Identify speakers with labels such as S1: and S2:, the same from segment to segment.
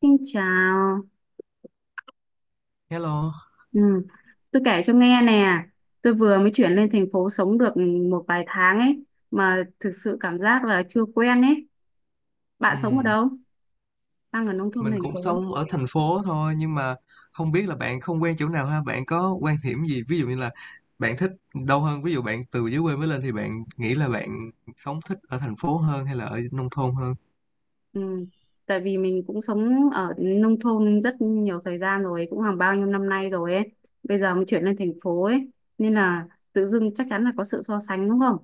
S1: Xin chào.
S2: Hello,
S1: Ừ. Tôi kể cho nghe nè. Tôi vừa mới chuyển lên thành phố sống được một vài tháng ấy mà thực sự cảm giác là chưa quen ấy. Bạn sống ở
S2: Ừm,
S1: đâu? Đang ở nông thôn
S2: mình
S1: thành
S2: cũng
S1: phố.
S2: sống ở thành phố thôi, nhưng mà không biết là bạn không quen chỗ nào ha, bạn có quan điểm gì, ví dụ như là bạn thích đâu hơn? Ví dụ bạn từ dưới quê mới lên thì bạn nghĩ là bạn sống thích ở thành phố hơn hay là ở nông thôn
S1: Ừ. Tại vì mình cũng sống ở nông thôn rất nhiều thời gian rồi, cũng hàng bao nhiêu năm nay rồi ấy. Bây giờ mới chuyển lên thành phố ấy nên là tự dưng chắc chắn là có sự so sánh đúng không?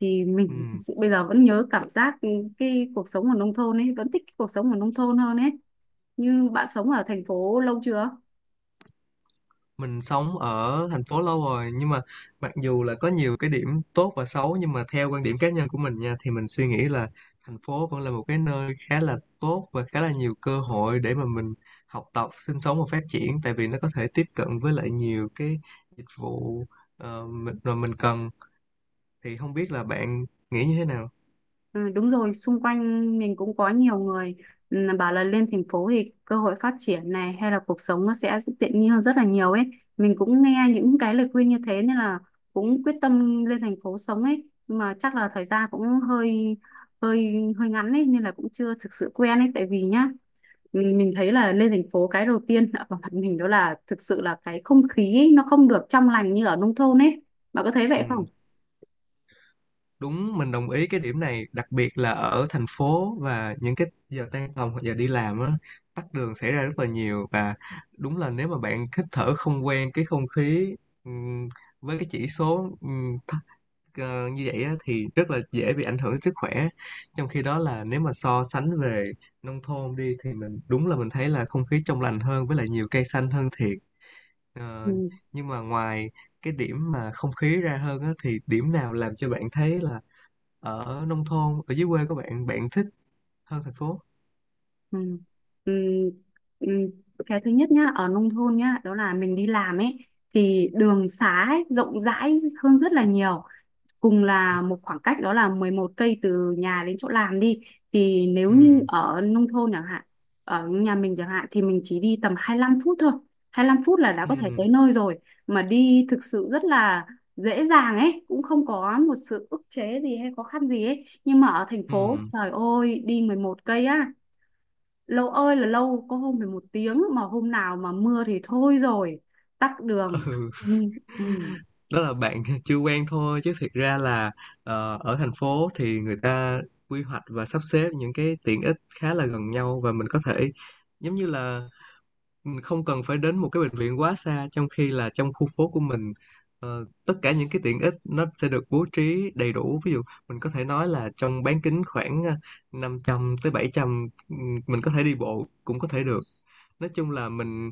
S1: Thì mình thực
S2: hơn?
S1: sự bây giờ vẫn nhớ cảm giác cái cuộc sống ở nông thôn ấy, vẫn thích cái cuộc sống ở nông thôn hơn ấy. Như bạn sống ở thành phố lâu chưa?
S2: Mình sống ở thành phố lâu rồi, nhưng mà mặc dù là có nhiều cái điểm tốt và xấu, nhưng mà theo quan điểm cá nhân của mình nha, thì mình suy nghĩ là thành phố vẫn là một cái nơi khá là tốt và khá là nhiều cơ hội để mà mình học tập, sinh sống và phát triển, tại vì nó có thể tiếp cận với lại nhiều cái dịch vụ mà mình cần. Thì không biết là bạn nghĩ như thế nào?
S1: Ừ, đúng rồi, xung quanh mình cũng có nhiều người, ừ, bảo là lên thành phố thì cơ hội phát triển này hay là cuộc sống nó sẽ tiện nghi hơn rất là nhiều ấy. Mình cũng nghe những cái lời khuyên như thế nên là cũng quyết tâm lên thành phố sống ấy. Nhưng mà chắc là thời gian cũng hơi hơi hơi ngắn ấy nên là cũng chưa thực sự quen ấy. Tại vì nhá, mình thấy là lên thành phố cái đầu tiên ở mặt mình đó là thực sự là cái không khí ấy, nó không được trong lành như ở nông thôn ấy. Bạn có thấy vậy
S2: Ừ.
S1: không?
S2: Đúng, mình đồng ý cái điểm này, đặc biệt là ở thành phố và những cái giờ tan tầm hoặc giờ đi làm á, tắc đường xảy ra rất là nhiều, và đúng là nếu mà bạn hít thở không quen cái không khí ừm, với cái chỉ số thấp, như vậy á, thì rất là dễ bị ảnh hưởng đến sức khỏe. Trong khi đó là nếu mà so sánh về nông thôn đi, thì mình đúng là mình thấy là không khí trong lành hơn với lại nhiều cây xanh hơn thiệt. Ờ,
S1: Ừ.
S2: nhưng mà ngoài cái điểm mà không khí ra hơn á, thì điểm nào làm cho bạn thấy là ở nông thôn ở dưới quê của bạn bạn thích hơn thành phố?
S1: Ừ. Ừ. Ừ. Cái thứ nhất nhá, ở nông thôn nhá đó là mình đi làm ấy thì đường xá ấy, rộng rãi hơn rất là nhiều. Cùng là một khoảng cách đó là 11 cây từ nhà đến chỗ làm đi, thì nếu như
S2: Ừ.
S1: ở nông thôn chẳng hạn, ở nhà mình chẳng hạn thì mình chỉ đi tầm 25 phút thôi, 25 phút là đã có thể
S2: Ừ.
S1: tới nơi rồi, mà đi thực sự rất là dễ dàng ấy, cũng không có một sự ức chế gì hay khó khăn gì ấy. Nhưng mà ở thành
S2: Ừ.
S1: phố trời ơi đi 11 cây á, lâu ơi là lâu, có hôm phải một tiếng, mà hôm nào mà mưa thì thôi rồi, tắc đường.
S2: Ừ.
S1: Ừ. Ừ.
S2: Đó là bạn chưa quen thôi, chứ thiệt ra là ở thành phố thì người ta quy hoạch và sắp xếp những cái tiện ích khá là gần nhau, và mình có thể, giống như là mình không cần phải đến một cái bệnh viện quá xa, trong khi là trong khu phố của mình, tất cả những cái tiện ích nó sẽ được bố trí đầy đủ. Ví dụ mình có thể nói là trong bán kính khoảng 500 tới 700, mình có thể đi bộ cũng có thể được. Nói chung là mình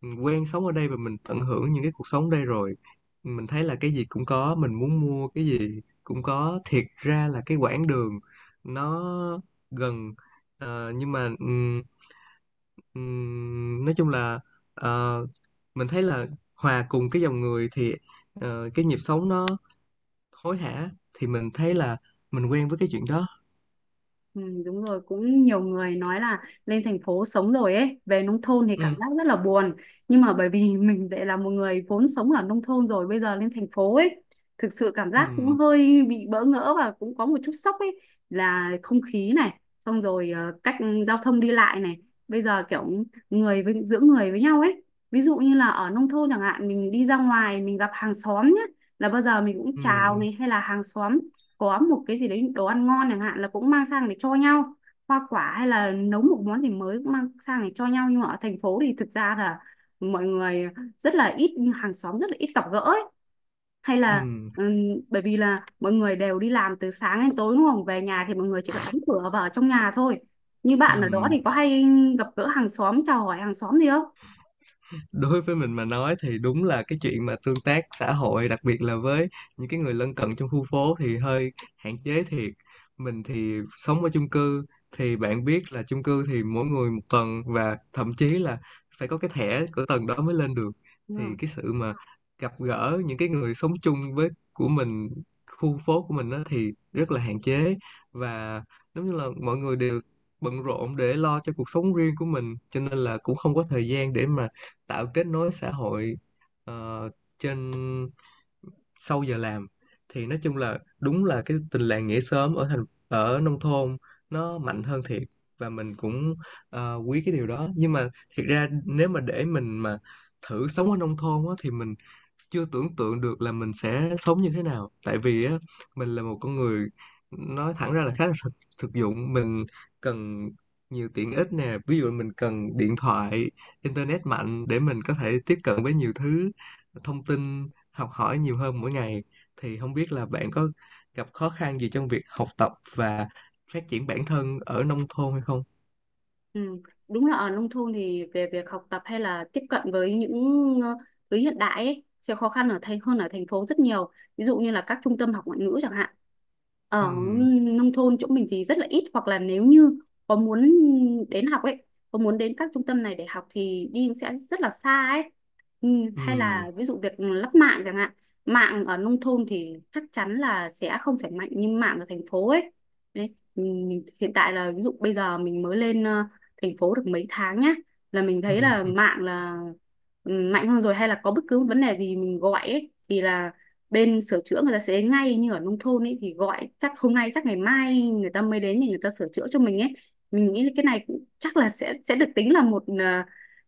S2: mình quen sống ở đây và mình tận hưởng những cái cuộc sống đây rồi. Mình thấy là cái gì cũng có, mình muốn mua cái gì cũng có, thiệt ra là cái quãng đường nó gần. Nhưng mà nói chung là ờ, mình thấy là hòa cùng cái dòng người thì cái nhịp sống nó hối hả, thì mình thấy là mình quen với cái chuyện đó.
S1: Ừ, đúng rồi, cũng nhiều người nói là lên thành phố sống rồi ấy về nông thôn thì
S2: Ừ.
S1: cảm giác rất là buồn, nhưng mà bởi vì mình lại là một người vốn sống ở nông thôn rồi bây giờ lên thành phố ấy, thực sự cảm
S2: Ừ.
S1: giác cũng hơi bị bỡ ngỡ và cũng có một chút sốc ấy. Là không khí này, xong rồi cách giao thông đi lại này, bây giờ kiểu người với giữa người với nhau ấy. Ví dụ như là ở nông thôn chẳng hạn mình đi ra ngoài mình gặp hàng xóm nhé, là bao giờ mình cũng chào
S2: Ừ.
S1: này, hay là hàng xóm có một cái gì đấy đồ ăn ngon chẳng hạn là cũng mang sang để cho nhau, hoa quả hay là nấu một món gì mới cũng mang sang để cho nhau. Nhưng mà ở thành phố thì thực ra là mọi người rất là ít, hàng xóm rất là ít gặp gỡ ấy. Hay
S2: Ừ.
S1: là ừm, bởi vì là mọi người đều đi làm từ sáng đến tối đúng không, về nhà thì mọi người chỉ cần đóng cửa vào trong nhà thôi. Như
S2: Ừ.
S1: bạn ở đó thì có hay gặp gỡ hàng xóm, chào hỏi hàng xóm gì không?
S2: Đối với mình mà nói thì đúng là cái chuyện mà tương tác xã hội, đặc biệt là với những cái người lân cận trong khu phố thì hơi hạn chế thiệt. Mình thì sống ở chung cư, thì bạn biết là chung cư thì mỗi người một tầng, và thậm chí là phải có cái thẻ của tầng đó mới lên được. Thì
S1: Ừ.
S2: cái sự mà gặp gỡ những cái người sống chung với của mình, khu phố của mình đó, thì rất là hạn chế, và giống như là mọi người đều bận rộn để lo cho cuộc sống riêng của mình, cho nên là cũng không có thời gian để mà tạo kết nối xã hội ờ, trên, sau giờ làm. Thì nói chung là đúng là cái tình làng nghĩa xóm ở thành, ở nông thôn nó mạnh hơn thiệt, và mình cũng quý cái điều đó, nhưng mà thiệt ra nếu mà để mình mà thử sống ở nông thôn á, thì mình chưa tưởng tượng được là mình sẽ sống như thế nào. Tại vì á, mình là một con người, nói thẳng ra là khá là thực dụng. Mình cần nhiều tiện ích nè, ví dụ mình cần điện thoại, internet mạnh để mình có thể tiếp cận với nhiều thứ, thông tin, học hỏi nhiều hơn mỗi ngày. Thì không biết là bạn có gặp khó khăn gì trong việc học tập và phát triển bản thân ở nông thôn hay không?
S1: Ừ. Đúng là ở nông thôn thì về việc học tập hay là tiếp cận với những ờ, thứ hiện đại ấy, sẽ khó khăn ở thành hơn ở thành phố rất nhiều. Ví dụ như là các trung tâm học ngoại ngữ chẳng hạn. Ở
S2: Ừm,
S1: nông thôn chỗ mình thì rất là ít, hoặc là nếu như có muốn đến học ấy, có muốn đến các trung tâm này để học thì đi cũng sẽ rất là xa ấy. Ừ. Hay là ví dụ việc lắp mạng chẳng hạn. Mạng ở nông thôn thì chắc chắn là sẽ không phải mạnh như mạng ở thành phố ấy. Đấy. Ừ, mình hiện tại là ví dụ bây giờ mình mới lên thành phố được mấy tháng nhá, là mình thấy là
S2: ừm,
S1: mạng mạnh hơn rồi, hay là có bất cứ vấn đề gì mình gọi ấy, thì là bên sửa chữa người ta sẽ đến ngay. Như ở nông thôn ấy thì gọi chắc hôm nay chắc ngày mai người ta mới đến thì người ta sửa chữa cho mình ấy. Mình nghĩ cái này cũng chắc là sẽ được tính là một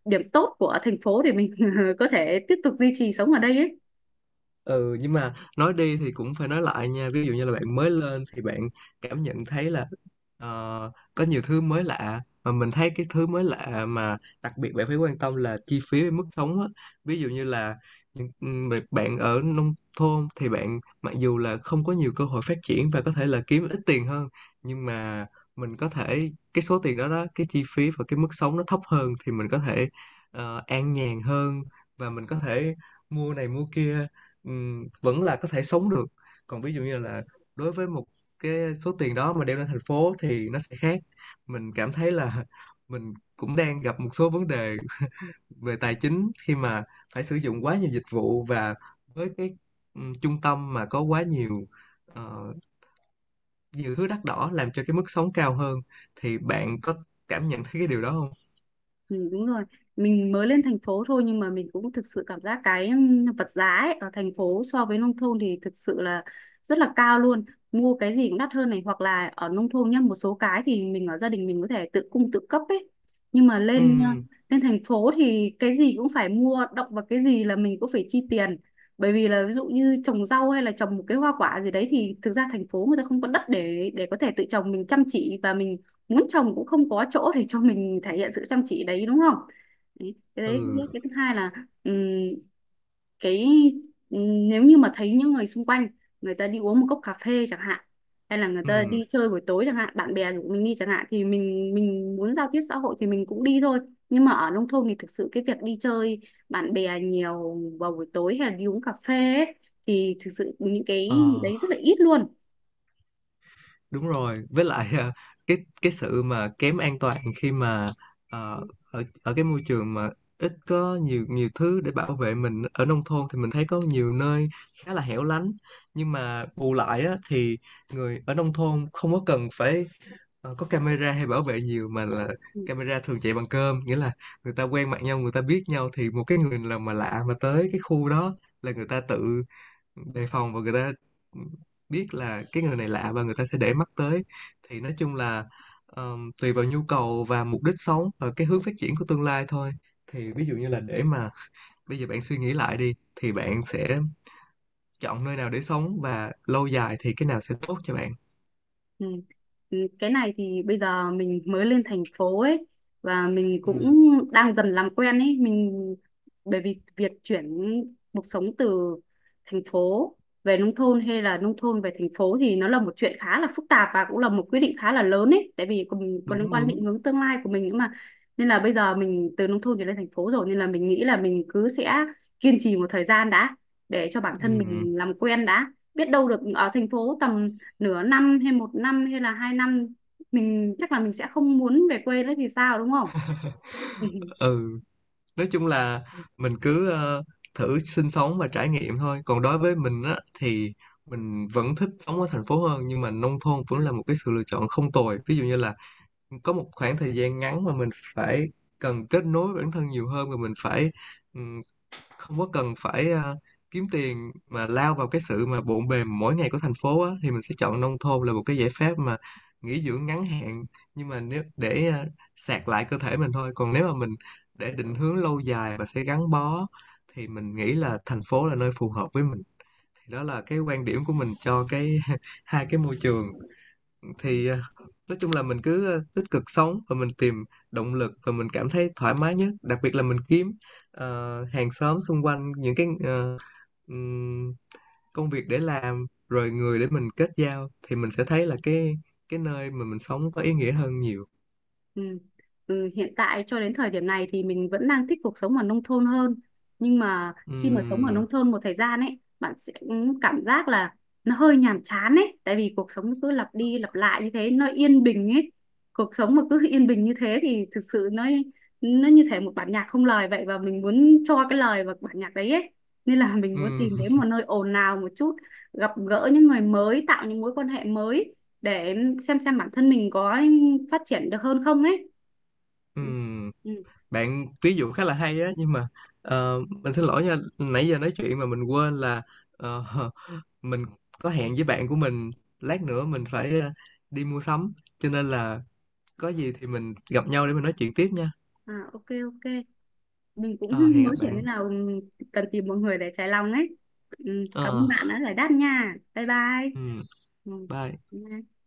S1: điểm tốt của thành phố để mình có thể tiếp tục duy trì sống ở đây ấy.
S2: Ừ, nhưng mà nói đi thì cũng phải nói lại nha. Ví dụ như là bạn mới lên thì bạn cảm nhận thấy là, có nhiều thứ mới lạ, mà mình thấy cái thứ mới lạ mà đặc biệt bạn phải quan tâm là chi phí với mức sống á. Ví dụ như là những bạn bạn ở nông thôn thì bạn mặc dù là không có nhiều cơ hội phát triển và có thể là kiếm ít tiền hơn, nhưng mà mình có thể, cái số tiền đó, cái chi phí và cái mức sống nó thấp hơn, thì mình có thể an nhàn hơn, và mình có thể mua này mua kia, vẫn là có thể sống được. Còn ví dụ như là, đối với một cái số tiền đó mà đem lên thành phố thì nó sẽ khác. Mình cảm thấy là, mình cũng đang gặp một số vấn đề về tài chính khi mà phải sử dụng quá nhiều dịch vụ, và với cái trung tâm mà có quá nhiều ờ, nhiều thứ đắt đỏ làm cho cái mức sống cao hơn. Thì bạn có cảm nhận thấy cái điều đó không?
S1: Ừ, đúng rồi, mình mới lên thành phố thôi nhưng mà mình cũng thực sự cảm giác cái vật giá ấy, ở thành phố so với nông thôn thì thực sự là rất là cao luôn. Mua cái gì cũng đắt hơn này, hoặc là ở nông thôn nhá một số cái thì mình ở gia đình mình có thể tự cung tự cấp ấy, nhưng mà lên ờ,
S2: Ừm,
S1: lên thành phố thì cái gì cũng phải mua, động vào cái gì là mình cũng phải chi tiền. Bởi vì là ví dụ như trồng rau hay là trồng một cái hoa quả gì đấy thì thực ra thành phố người ta không có đất để có thể tự trồng, mình chăm chỉ và mình muốn chồng cũng không có chỗ để cho mình thể hiện sự chăm chỉ đấy, đúng không? Đấy, cái đấy.
S2: ừ.
S1: Cái thứ hai là, ừm, cái nếu như mà thấy những người xung quanh người ta đi uống một cốc cà phê chẳng hạn, hay là người
S2: Ừ.
S1: ta đi chơi buổi tối chẳng hạn, bạn bè của mình đi chẳng hạn, thì mình muốn giao tiếp xã hội thì mình cũng đi thôi. Nhưng mà ở nông thôn thì thực sự cái việc đi chơi bạn bè nhiều vào buổi tối hay là đi uống cà phê ấy, thì thực sự những cái
S2: ờ.
S1: đấy rất là ít luôn.
S2: Đúng rồi, với lại à, cái cái sự mà kém an toàn khi mà ờ, ở ở cái môi trường mà ít có nhiều nhiều thứ để bảo vệ mình, ở nông thôn thì mình thấy có nhiều nơi khá là hẻo lánh. Nhưng mà bù lại á, thì người ở nông thôn không có cần phải có camera hay bảo vệ nhiều, mà là
S1: Ừ.
S2: camera thường chạy bằng cơm, nghĩa là người ta quen mặt nhau, người ta biết nhau, thì một cái người nào mà lạ mà tới cái khu đó là người ta tự đề phòng, và người ta biết là cái người này lạ và người ta sẽ để mắt tới. Thì nói chung là tùy vào nhu cầu và mục đích sống và cái hướng phát triển của tương lai thôi. Thì ví dụ như là, để mà bây giờ bạn suy nghĩ lại đi, thì bạn sẽ chọn nơi nào để sống, và lâu dài thì cái nào sẽ tốt cho bạn?
S1: Ừ. Ừ, cái này thì bây giờ mình mới lên thành phố ấy và mình cũng
S2: Ừ,
S1: đang dần làm quen ấy. Mình bởi vì việc chuyển cuộc sống từ thành phố về nông thôn hay là nông thôn về thành phố thì nó là một chuyện khá là phức tạp và cũng là một quyết định khá là lớn ấy, tại vì còn liên
S2: đúng
S1: quan
S2: đúng.
S1: định hướng tương lai của mình nữa mà. Nên là bây giờ mình từ nông thôn chuyển lên thành phố rồi nên là mình nghĩ là mình cứ sẽ kiên trì một thời gian đã, để cho bản thân
S2: Ừ.
S1: mình làm quen đã. Biết đâu được ở thành phố tầm nửa năm hay một năm hay là 2 năm, mình chắc là mình sẽ không muốn về quê nữa thì sao, đúng không?
S2: Ừ. Nói chung là mình cứ thử sinh sống và trải nghiệm thôi. Còn đối với mình á, thì mình vẫn thích sống ở thành phố hơn, nhưng mà nông thôn vẫn là một cái sự lựa chọn không tồi. Ví dụ như là có một khoảng thời gian ngắn mà mình phải cần kết nối với bản thân nhiều hơn, và mình phải ừ, không có cần phải kiếm tiền mà lao vào cái sự mà bộn bề mỗi ngày của thành phố á, thì mình sẽ chọn nông thôn là một cái giải pháp mà nghỉ dưỡng ngắn hạn. Nhưng mà nếu để sạc lại cơ thể mình thôi, còn nếu mà mình để định hướng lâu dài và sẽ gắn bó, thì mình nghĩ là thành phố là nơi phù hợp với mình. Thì đó là cái quan điểm của mình cho cái hai cái môi trường.
S1: Ừ.
S2: Thì à, nói chung là mình cứ à, tích cực sống và mình tìm động lực, và mình cảm thấy thoải mái nhất, đặc biệt là mình kiếm hàng xóm xung quanh, những cái ừm, công việc để làm, rồi người để mình kết giao, thì mình sẽ thấy là cái nơi mà mình sống có ý nghĩa hơn nhiều.
S1: Ừ. Ừ, hiện tại cho đến thời điểm này thì mình vẫn đang thích cuộc sống ở nông thôn hơn. Nhưng mà khi mà sống ở
S2: Ừm,
S1: nông thôn một thời gian ấy bạn sẽ cảm giác là nó hơi nhàm chán ấy, tại vì cuộc sống nó cứ lặp đi lặp lại như thế, nó yên bình ấy. Cuộc sống mà cứ yên bình như thế thì thực sự nó như thể một bản nhạc không lời vậy, và mình muốn cho cái lời vào bản nhạc đấy ấy. Nên là mình muốn
S2: ừm,
S1: tìm đến một nơi ồn ào một chút, gặp gỡ những người mới, tạo những mối quan hệ mới, để xem bản thân mình có phát triển được hơn không ấy. Ừ.
S2: ừm.
S1: Ừ.
S2: Bạn ví dụ khá là hay á, nhưng mà mình xin lỗi nha, nãy giờ nói chuyện mà mình quên là ờ, mình có hẹn với bạn của mình, lát nữa mình phải đi mua sắm, cho nên là có gì thì mình gặp nhau để mình nói chuyện tiếp nha.
S1: À, ok ok, mình cũng
S2: Ờ, hẹn
S1: mới
S2: gặp
S1: chuyển nên
S2: bạn.
S1: là cần tìm một người để trái lòng ấy. Ừ. Cảm ơn
S2: Ờ,
S1: bạn đã giải đáp nha, bye bye.
S2: ừ, bye.
S1: Ừ.